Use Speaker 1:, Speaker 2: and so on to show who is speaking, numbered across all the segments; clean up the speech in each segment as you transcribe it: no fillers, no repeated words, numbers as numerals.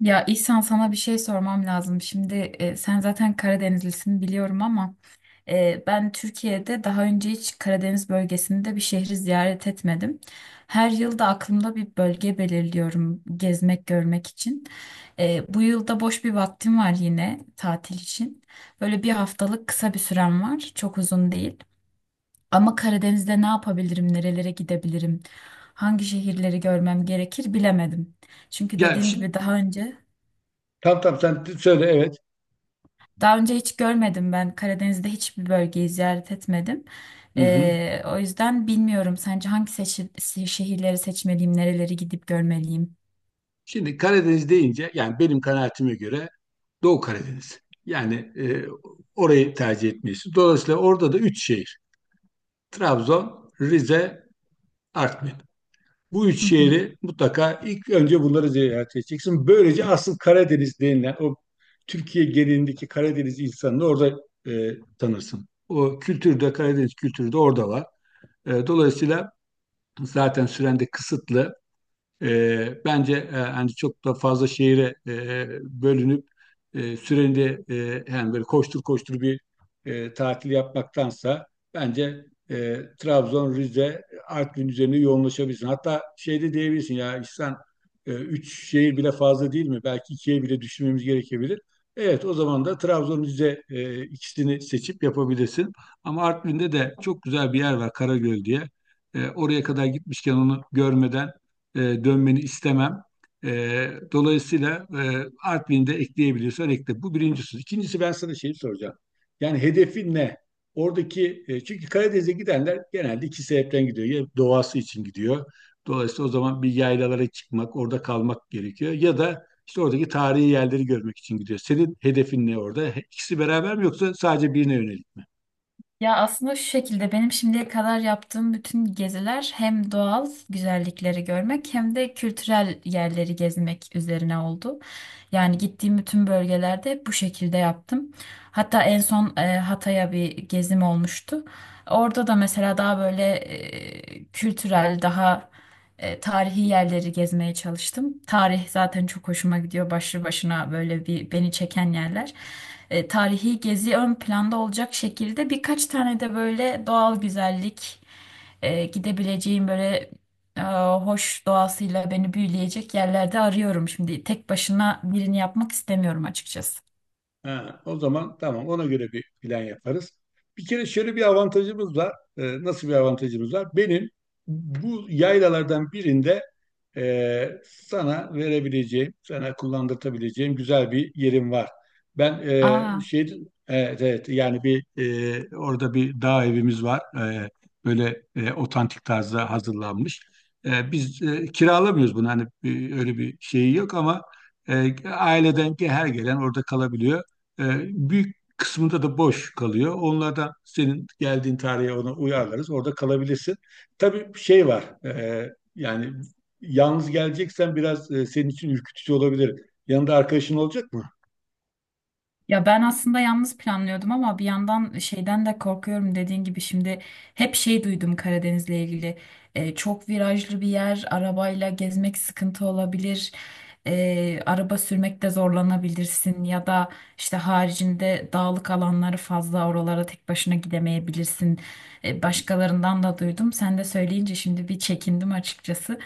Speaker 1: Ya İhsan sana bir şey sormam lazım. Şimdi sen zaten Karadenizlisin biliyorum ama ben Türkiye'de daha önce hiç Karadeniz bölgesinde bir şehri ziyaret etmedim. Her yıl da aklımda bir bölge belirliyorum gezmek görmek için. Bu yılda boş bir vaktim var yine tatil için. Böyle bir haftalık kısa bir sürem var. Çok uzun değil. Ama Karadeniz'de ne yapabilirim, nerelere gidebilirim, hangi şehirleri görmem gerekir bilemedim. Çünkü
Speaker 2: Ya
Speaker 1: dediğim
Speaker 2: şimdi
Speaker 1: gibi daha önce
Speaker 2: tamam, tamam, sen söyle, evet.
Speaker 1: daha önce hiç görmedim ben. Karadeniz'de hiçbir bölgeyi ziyaret etmedim.
Speaker 2: Hı hı.
Speaker 1: O yüzden bilmiyorum. Sence hangi şehirleri seçmeliyim, nereleri gidip görmeliyim?
Speaker 2: Şimdi Karadeniz deyince yani benim kanaatime göre Doğu Karadeniz. Yani e, orayı tercih etmeyiz. Dolayısıyla orada da üç şehir. Trabzon, Rize, Artvin. Bu üç
Speaker 1: Hı hı.
Speaker 2: şehri mutlaka ilk önce bunları ziyaret edeceksin. Böylece asıl Karadeniz denilen o Türkiye genelindeki Karadeniz insanını orada tanırsın. O kültürde Karadeniz kültürü de orada var. Dolayısıyla zaten süren de kısıtlı. Bence hani çok da fazla şehire bölünüp süreni de yani böyle koştur koştur bir tatil yapmaktansa bence Trabzon, Rize, Artvin üzerine yoğunlaşabilirsin. Hatta şey de diyebilirsin: ya İhsan, üç şehir bile fazla değil mi? Belki ikiye bile düşünmemiz gerekebilir. Evet, o zaman da Trabzon, Rize, ikisini seçip yapabilirsin. Ama Artvin'de de çok güzel bir yer var, Karagöl diye. Oraya kadar gitmişken onu görmeden dönmeni istemem. Dolayısıyla Artvin'i de ekleyebiliyorsan ekle. Bu birincisi. İkincisi ben sana şeyi soracağım. Yani hedefin ne? Çünkü Karadeniz'e gidenler genelde iki sebepten gidiyor. Ya doğası için gidiyor. Dolayısıyla o zaman bir yaylalara çıkmak, orada kalmak gerekiyor. Ya da işte oradaki tarihi yerleri görmek için gidiyor. Senin hedefin ne orada? İkisi beraber mi yoksa sadece birine yönelik mi?
Speaker 1: Ya aslında şu şekilde benim şimdiye kadar yaptığım bütün geziler hem doğal güzellikleri görmek hem de kültürel yerleri gezmek üzerine oldu. Yani gittiğim bütün bölgelerde hep bu şekilde yaptım. Hatta en son Hatay'a bir gezim olmuştu. Orada da mesela daha böyle kültürel, daha tarihi yerleri gezmeye çalıştım. Tarih zaten çok hoşuma gidiyor. Başlı başına böyle bir beni çeken yerler. Tarihi gezi ön planda olacak şekilde birkaç tane de böyle doğal güzellik gidebileceğim böyle e, hoş doğasıyla beni büyüleyecek yerlerde arıyorum. Şimdi tek başına birini yapmak istemiyorum açıkçası.
Speaker 2: Ha, o zaman tamam, ona göre bir plan yaparız. Bir kere şöyle bir avantajımız var. Nasıl bir avantajımız var? Benim bu yaylalardan birinde sana verebileceğim, sana kullandırtabileceğim güzel bir yerim var. Ben e,
Speaker 1: Aa.
Speaker 2: şey, evet, evet, orada bir dağ evimiz var. Böyle otantik tarzda hazırlanmış. Kiralamıyoruz bunu, öyle bir şeyi yok ama aileden ki her gelen orada kalabiliyor. Ee, büyük kısmında da boş kalıyor. Onlardan senin geldiğin tarihe ona uyarlarız. Orada kalabilirsin. Tabii şey var. Yani yalnız geleceksen biraz senin için ürkütücü olabilir. Yanında arkadaşın olacak mı?
Speaker 1: Ya ben aslında yalnız planlıyordum ama bir yandan şeyden de korkuyorum dediğin gibi şimdi hep şey duydum Karadeniz'le ilgili. Çok virajlı bir yer, arabayla gezmek sıkıntı olabilir. Araba sürmekte zorlanabilirsin ya da işte haricinde dağlık alanları fazla, oralara tek başına gidemeyebilirsin. Başkalarından da duydum, sen de söyleyince şimdi bir çekindim açıkçası.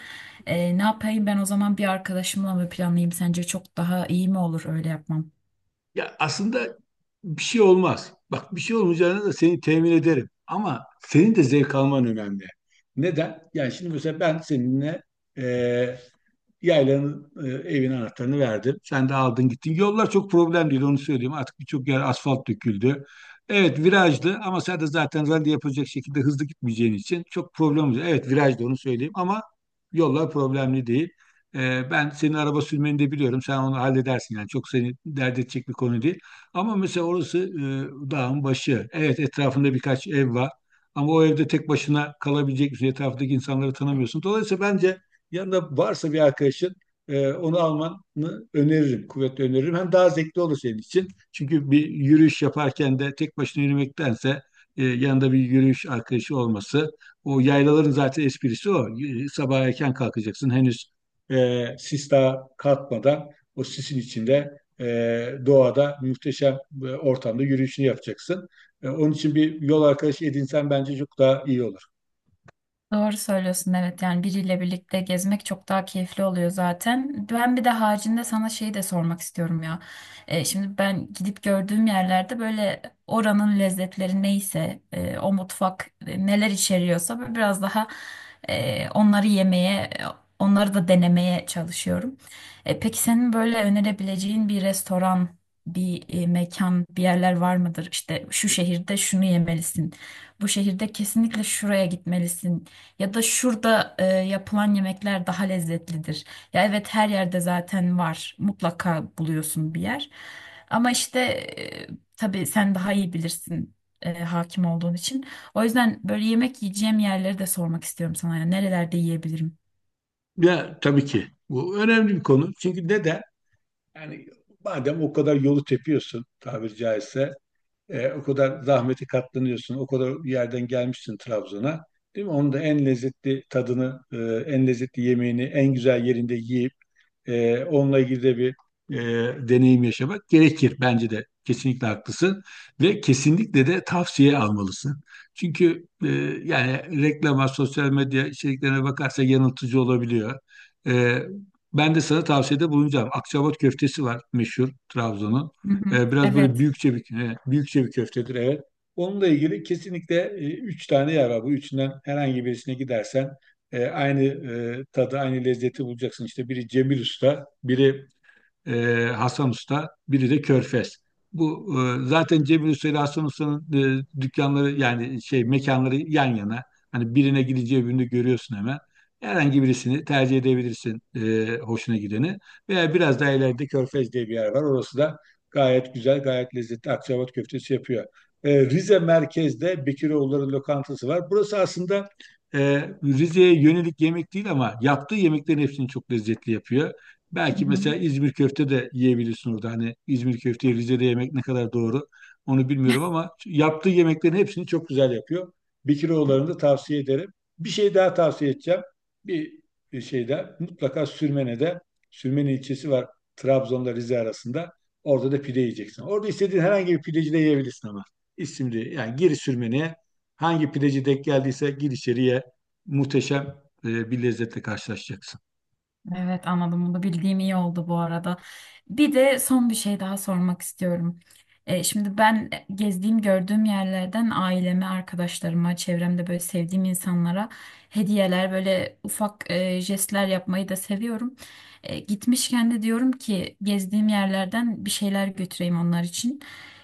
Speaker 1: Ne yapayım ben o zaman, bir arkadaşımla mı planlayayım, sence çok daha iyi mi olur öyle yapmam?
Speaker 2: Ya aslında bir şey olmaz. Bak, bir şey olmayacağını da seni temin ederim. Ama senin de zevk alman önemli. Neden? Yani şimdi mesela ben seninle e, yaylanın, evin anahtarını verdim. Sen de aldın gittin. Yollar çok problem değil, onu söyleyeyim. Artık birçok yer asfalt döküldü. Evet, virajlı ama sen de zaten rally yapacak şekilde hızlı gitmeyeceğin için çok problem olacak. Evet, virajlı, onu söyleyeyim ama yollar problemli değil. Ben senin araba sürmeni de biliyorum. Sen onu halledersin yani. Çok seni dert edecek bir konu değil. Ama mesela orası dağın başı. Evet, etrafında birkaç ev var. Ama o evde tek başına kalabilecek bir şey. Etrafındaki insanları tanımıyorsun. Dolayısıyla bence yanında varsa bir arkadaşın, onu almanı öneririm, kuvvetle öneririm. Hem daha zevkli olur senin için. Çünkü bir yürüyüş yaparken de tek başına yürümektense yanında bir yürüyüş arkadaşı olması. O yaylaların zaten esprisi o. Sabah erken kalkacaksın. Henüz sis daha kalkmadan o sisin içinde, doğada muhteşem ortamda yürüyüşünü yapacaksın. Onun için bir yol arkadaşı edinsen bence çok daha iyi olur.
Speaker 1: Doğru söylüyorsun, evet, yani biriyle birlikte gezmek çok daha keyifli oluyor zaten. Ben bir de haricinde sana şeyi de sormak istiyorum ya. Şimdi ben gidip gördüğüm yerlerde böyle oranın lezzetleri neyse o mutfak neler içeriyorsa böyle biraz daha onları yemeye, onları da denemeye çalışıyorum. Peki senin böyle önerebileceğin bir restoran, bir mekan, bir yerler var mıdır? İşte şu şehirde şunu yemelisin. Bu şehirde kesinlikle şuraya gitmelisin ya da şurada yapılan yemekler daha lezzetlidir. Ya evet, her yerde zaten var. Mutlaka buluyorsun bir yer. Ama işte, tabii sen daha iyi bilirsin hakim olduğun için. O yüzden böyle yemek yiyeceğim yerleri de sormak istiyorum sana. Ya nerelerde yiyebilirim?
Speaker 2: Ya tabii ki. Bu önemli bir konu. Çünkü neden? Yani madem o kadar yolu tepiyorsun, tabiri caizse, o kadar zahmeti katlanıyorsun, o kadar yerden gelmişsin Trabzon'a, değil mi? Onun da en lezzetli tadını, en lezzetli yemeğini, en güzel yerinde yiyip onunla ilgili de bir e, deneyim yaşamak gerekir. Bence de kesinlikle haklısın ve kesinlikle de tavsiye almalısın. Çünkü yani reklama, sosyal medya içeriklerine bakarsa yanıltıcı olabiliyor. E, ben de sana tavsiyede bulunacağım. Akçaabat köftesi var, meşhur Trabzon'un.
Speaker 1: Hı hı.
Speaker 2: Biraz böyle
Speaker 1: Evet.
Speaker 2: büyükçe bir, büyükçe bir köftedir evet. Onunla ilgili kesinlikle üç tane yer var. Bu üçünden herhangi birisine gidersen aynı tadı, aynı lezzeti bulacaksın. İşte biri Cemil Usta, biri e, Hasan Usta, biri de Körfez. Bu zaten Cemil Usta ile Hasan Usta'nın dükkanları, yani şey, mekanları yan yana. Hani birine gideceği birini görüyorsun hemen. Herhangi birisini tercih edebilirsin, hoşuna gideni. Veya biraz daha ileride Körfez diye bir yer var. Orası da gayet güzel, gayet lezzetli akçaabat köftesi yapıyor. Rize merkezde Bekiroğulları lokantası var. Burası aslında e, Rize'ye yönelik yemek değil ama yaptığı yemeklerin hepsini çok lezzetli yapıyor. Belki mesela İzmir köfte de yiyebilirsin orada. Hani İzmir köfteyi Rize'de yemek ne kadar doğru onu bilmiyorum ama yaptığı yemeklerin hepsini çok güzel yapıyor. Bekiroğulları'nı da tavsiye ederim. Bir şey daha tavsiye edeceğim. Bir, bir şey daha: mutlaka Sürmene'de, Sürmene ilçesi var Trabzon'da Rize arasında. Orada da pide yiyeceksin. Orada istediğin herhangi bir pideci de yiyebilirsin ama. İsimli yani, gir Sürmene'ye, hangi pideci denk geldiyse gir içeriye, muhteşem bir lezzetle karşılaşacaksın.
Speaker 1: Evet anladım, bunu bildiğim iyi oldu bu arada. Bir de son bir şey daha sormak istiyorum. Şimdi ben gezdiğim gördüğüm yerlerden aileme, arkadaşlarıma, çevremde böyle sevdiğim insanlara hediyeler, böyle ufak jestler yapmayı da seviyorum. Gitmişken de diyorum ki gezdiğim yerlerden bir şeyler götüreyim onlar için.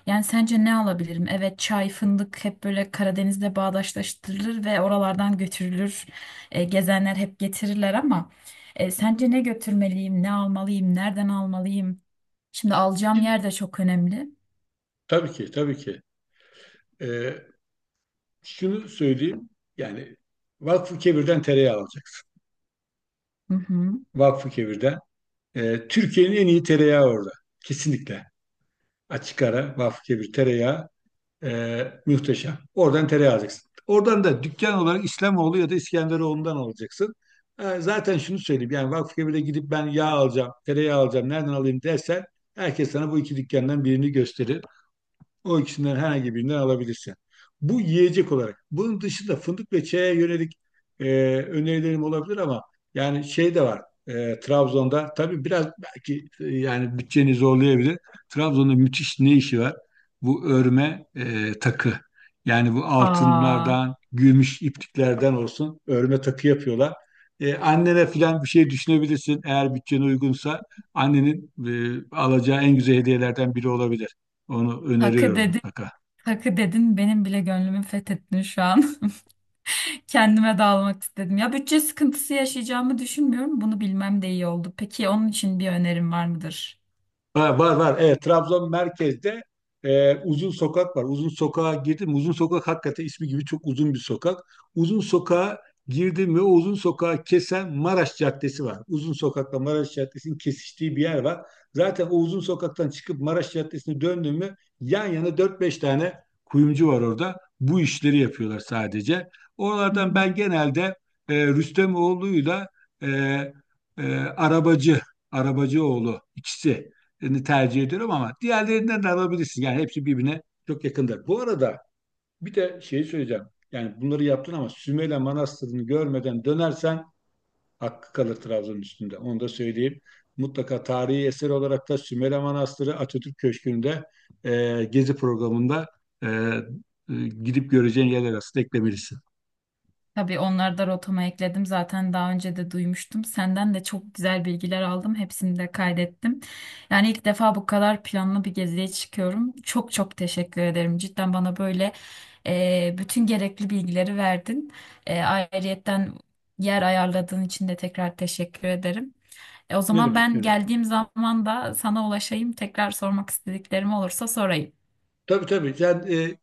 Speaker 1: Yani sence ne alabilirim? Evet, çay, fındık hep böyle Karadeniz'de bağdaştırılır ve oralardan götürülür. Gezenler hep getirirler ama. Sence ne götürmeliyim, ne almalıyım, nereden almalıyım? Şimdi alacağım yer de çok önemli.
Speaker 2: Tabii ki, tabii ki. Ee, şunu söyleyeyim. Yani Vakfıkebir'den tereyağı alacaksın.
Speaker 1: Hı hı.
Speaker 2: Vakfıkebir'den. Türkiye'nin en iyi tereyağı orada. Kesinlikle. Açık ara Vakfıkebir tereyağı muhteşem. Oradan tereyağı alacaksın. Oradan da dükkan olarak İslamoğlu ya da İskenderoğlu'ndan alacaksın. Zaten şunu söyleyeyim. Yani Vakfıkebir'e gidip ben yağ alacağım, tereyağı alacağım, nereden alayım dersen, herkes sana bu iki dükkandan birini gösterir. O ikisinden herhangi birinden alabilirsin. Bu yiyecek olarak. Bunun dışında fındık ve çaya yönelik e, önerilerim olabilir ama yani şey de var. Trabzon'da tabii biraz belki yani bütçeni zorlayabilir. Trabzon'da müthiş ne işi var? Bu örme takı. Yani bu
Speaker 1: Aa,
Speaker 2: altınlardan, gümüş ipliklerden olsun örme takı yapıyorlar. Annene falan bir şey düşünebilirsin eğer bütçene uygunsa. Annenin alacağı en güzel hediyelerden biri olabilir. Onu
Speaker 1: hakkı
Speaker 2: öneriyorum
Speaker 1: dedin,
Speaker 2: mutlaka.
Speaker 1: hakkı dedin, benim bile gönlümü fethettin şu an. Kendime de almak istedim. Ya bütçe sıkıntısı yaşayacağımı düşünmüyorum. Bunu bilmem de iyi oldu. Peki onun için bir önerim var mıdır?
Speaker 2: Ha, var var. Evet, Trabzon merkezde uzun sokak var. Uzun sokağa girdim. Uzun sokak hakikaten ismi gibi çok uzun bir sokak. Uzun sokağa girdim ve o uzun sokağı kesen Maraş Caddesi var. Uzun sokakla Maraş Caddesi'nin kesiştiği bir yer var. Zaten o uzun sokaktan çıkıp Maraş Caddesi'ne döndüm mü yan yana dört beş tane kuyumcu var orada. Bu işleri yapıyorlar sadece.
Speaker 1: Hı hı.
Speaker 2: Oralardan ben genelde Rüstemoğlu'yla e, e, Arabacı, Arabacıoğlu, ikisi tercih ediyorum ama diğerlerinden de alabilirsin. Yani hepsi birbirine çok yakındır. Bu arada bir de şeyi söyleyeceğim. Yani bunları yaptın ama Sümele Manastırı'nı görmeden dönersen hakkı kalır Trabzon'un üstünde. Onu da söyleyeyim. Mutlaka tarihi eser olarak da Sümele Manastırı, Atatürk Köşkü'nde gezi programında, e, e, gidip göreceğin yerler arasında eklemelisin.
Speaker 1: Tabii onları da rotama ekledim. Zaten daha önce de duymuştum. Senden de çok güzel bilgiler aldım. Hepsini de kaydettim. Yani ilk defa bu kadar planlı bir geziye çıkıyorum. Çok çok teşekkür ederim. Cidden bana böyle bütün gerekli bilgileri verdin. Ayrıyetten yer ayarladığın için de tekrar teşekkür ederim. O
Speaker 2: Ne
Speaker 1: zaman
Speaker 2: demek, ne
Speaker 1: ben
Speaker 2: demek.
Speaker 1: geldiğim zaman da sana ulaşayım. Tekrar sormak istediklerim olursa sorayım.
Speaker 2: Tabii, tabii.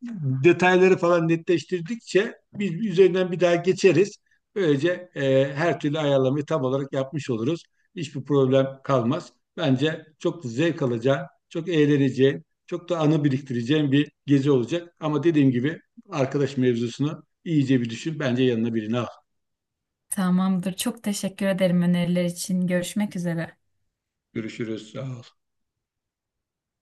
Speaker 2: Detayları falan netleştirdikçe biz üzerinden bir daha geçeriz. Böylece her türlü ayarlamayı tam olarak yapmış oluruz. Hiçbir problem kalmaz. Bence çok zevk alacağın, çok eğleneceğin, çok da anı biriktireceğin bir gezi olacak. Ama dediğim gibi arkadaş mevzusunu iyice bir düşün. Bence yanına birini al.
Speaker 1: Tamamdır. Çok teşekkür ederim öneriler için. Görüşmek üzere.
Speaker 2: Görüşürüz. Sağ ol.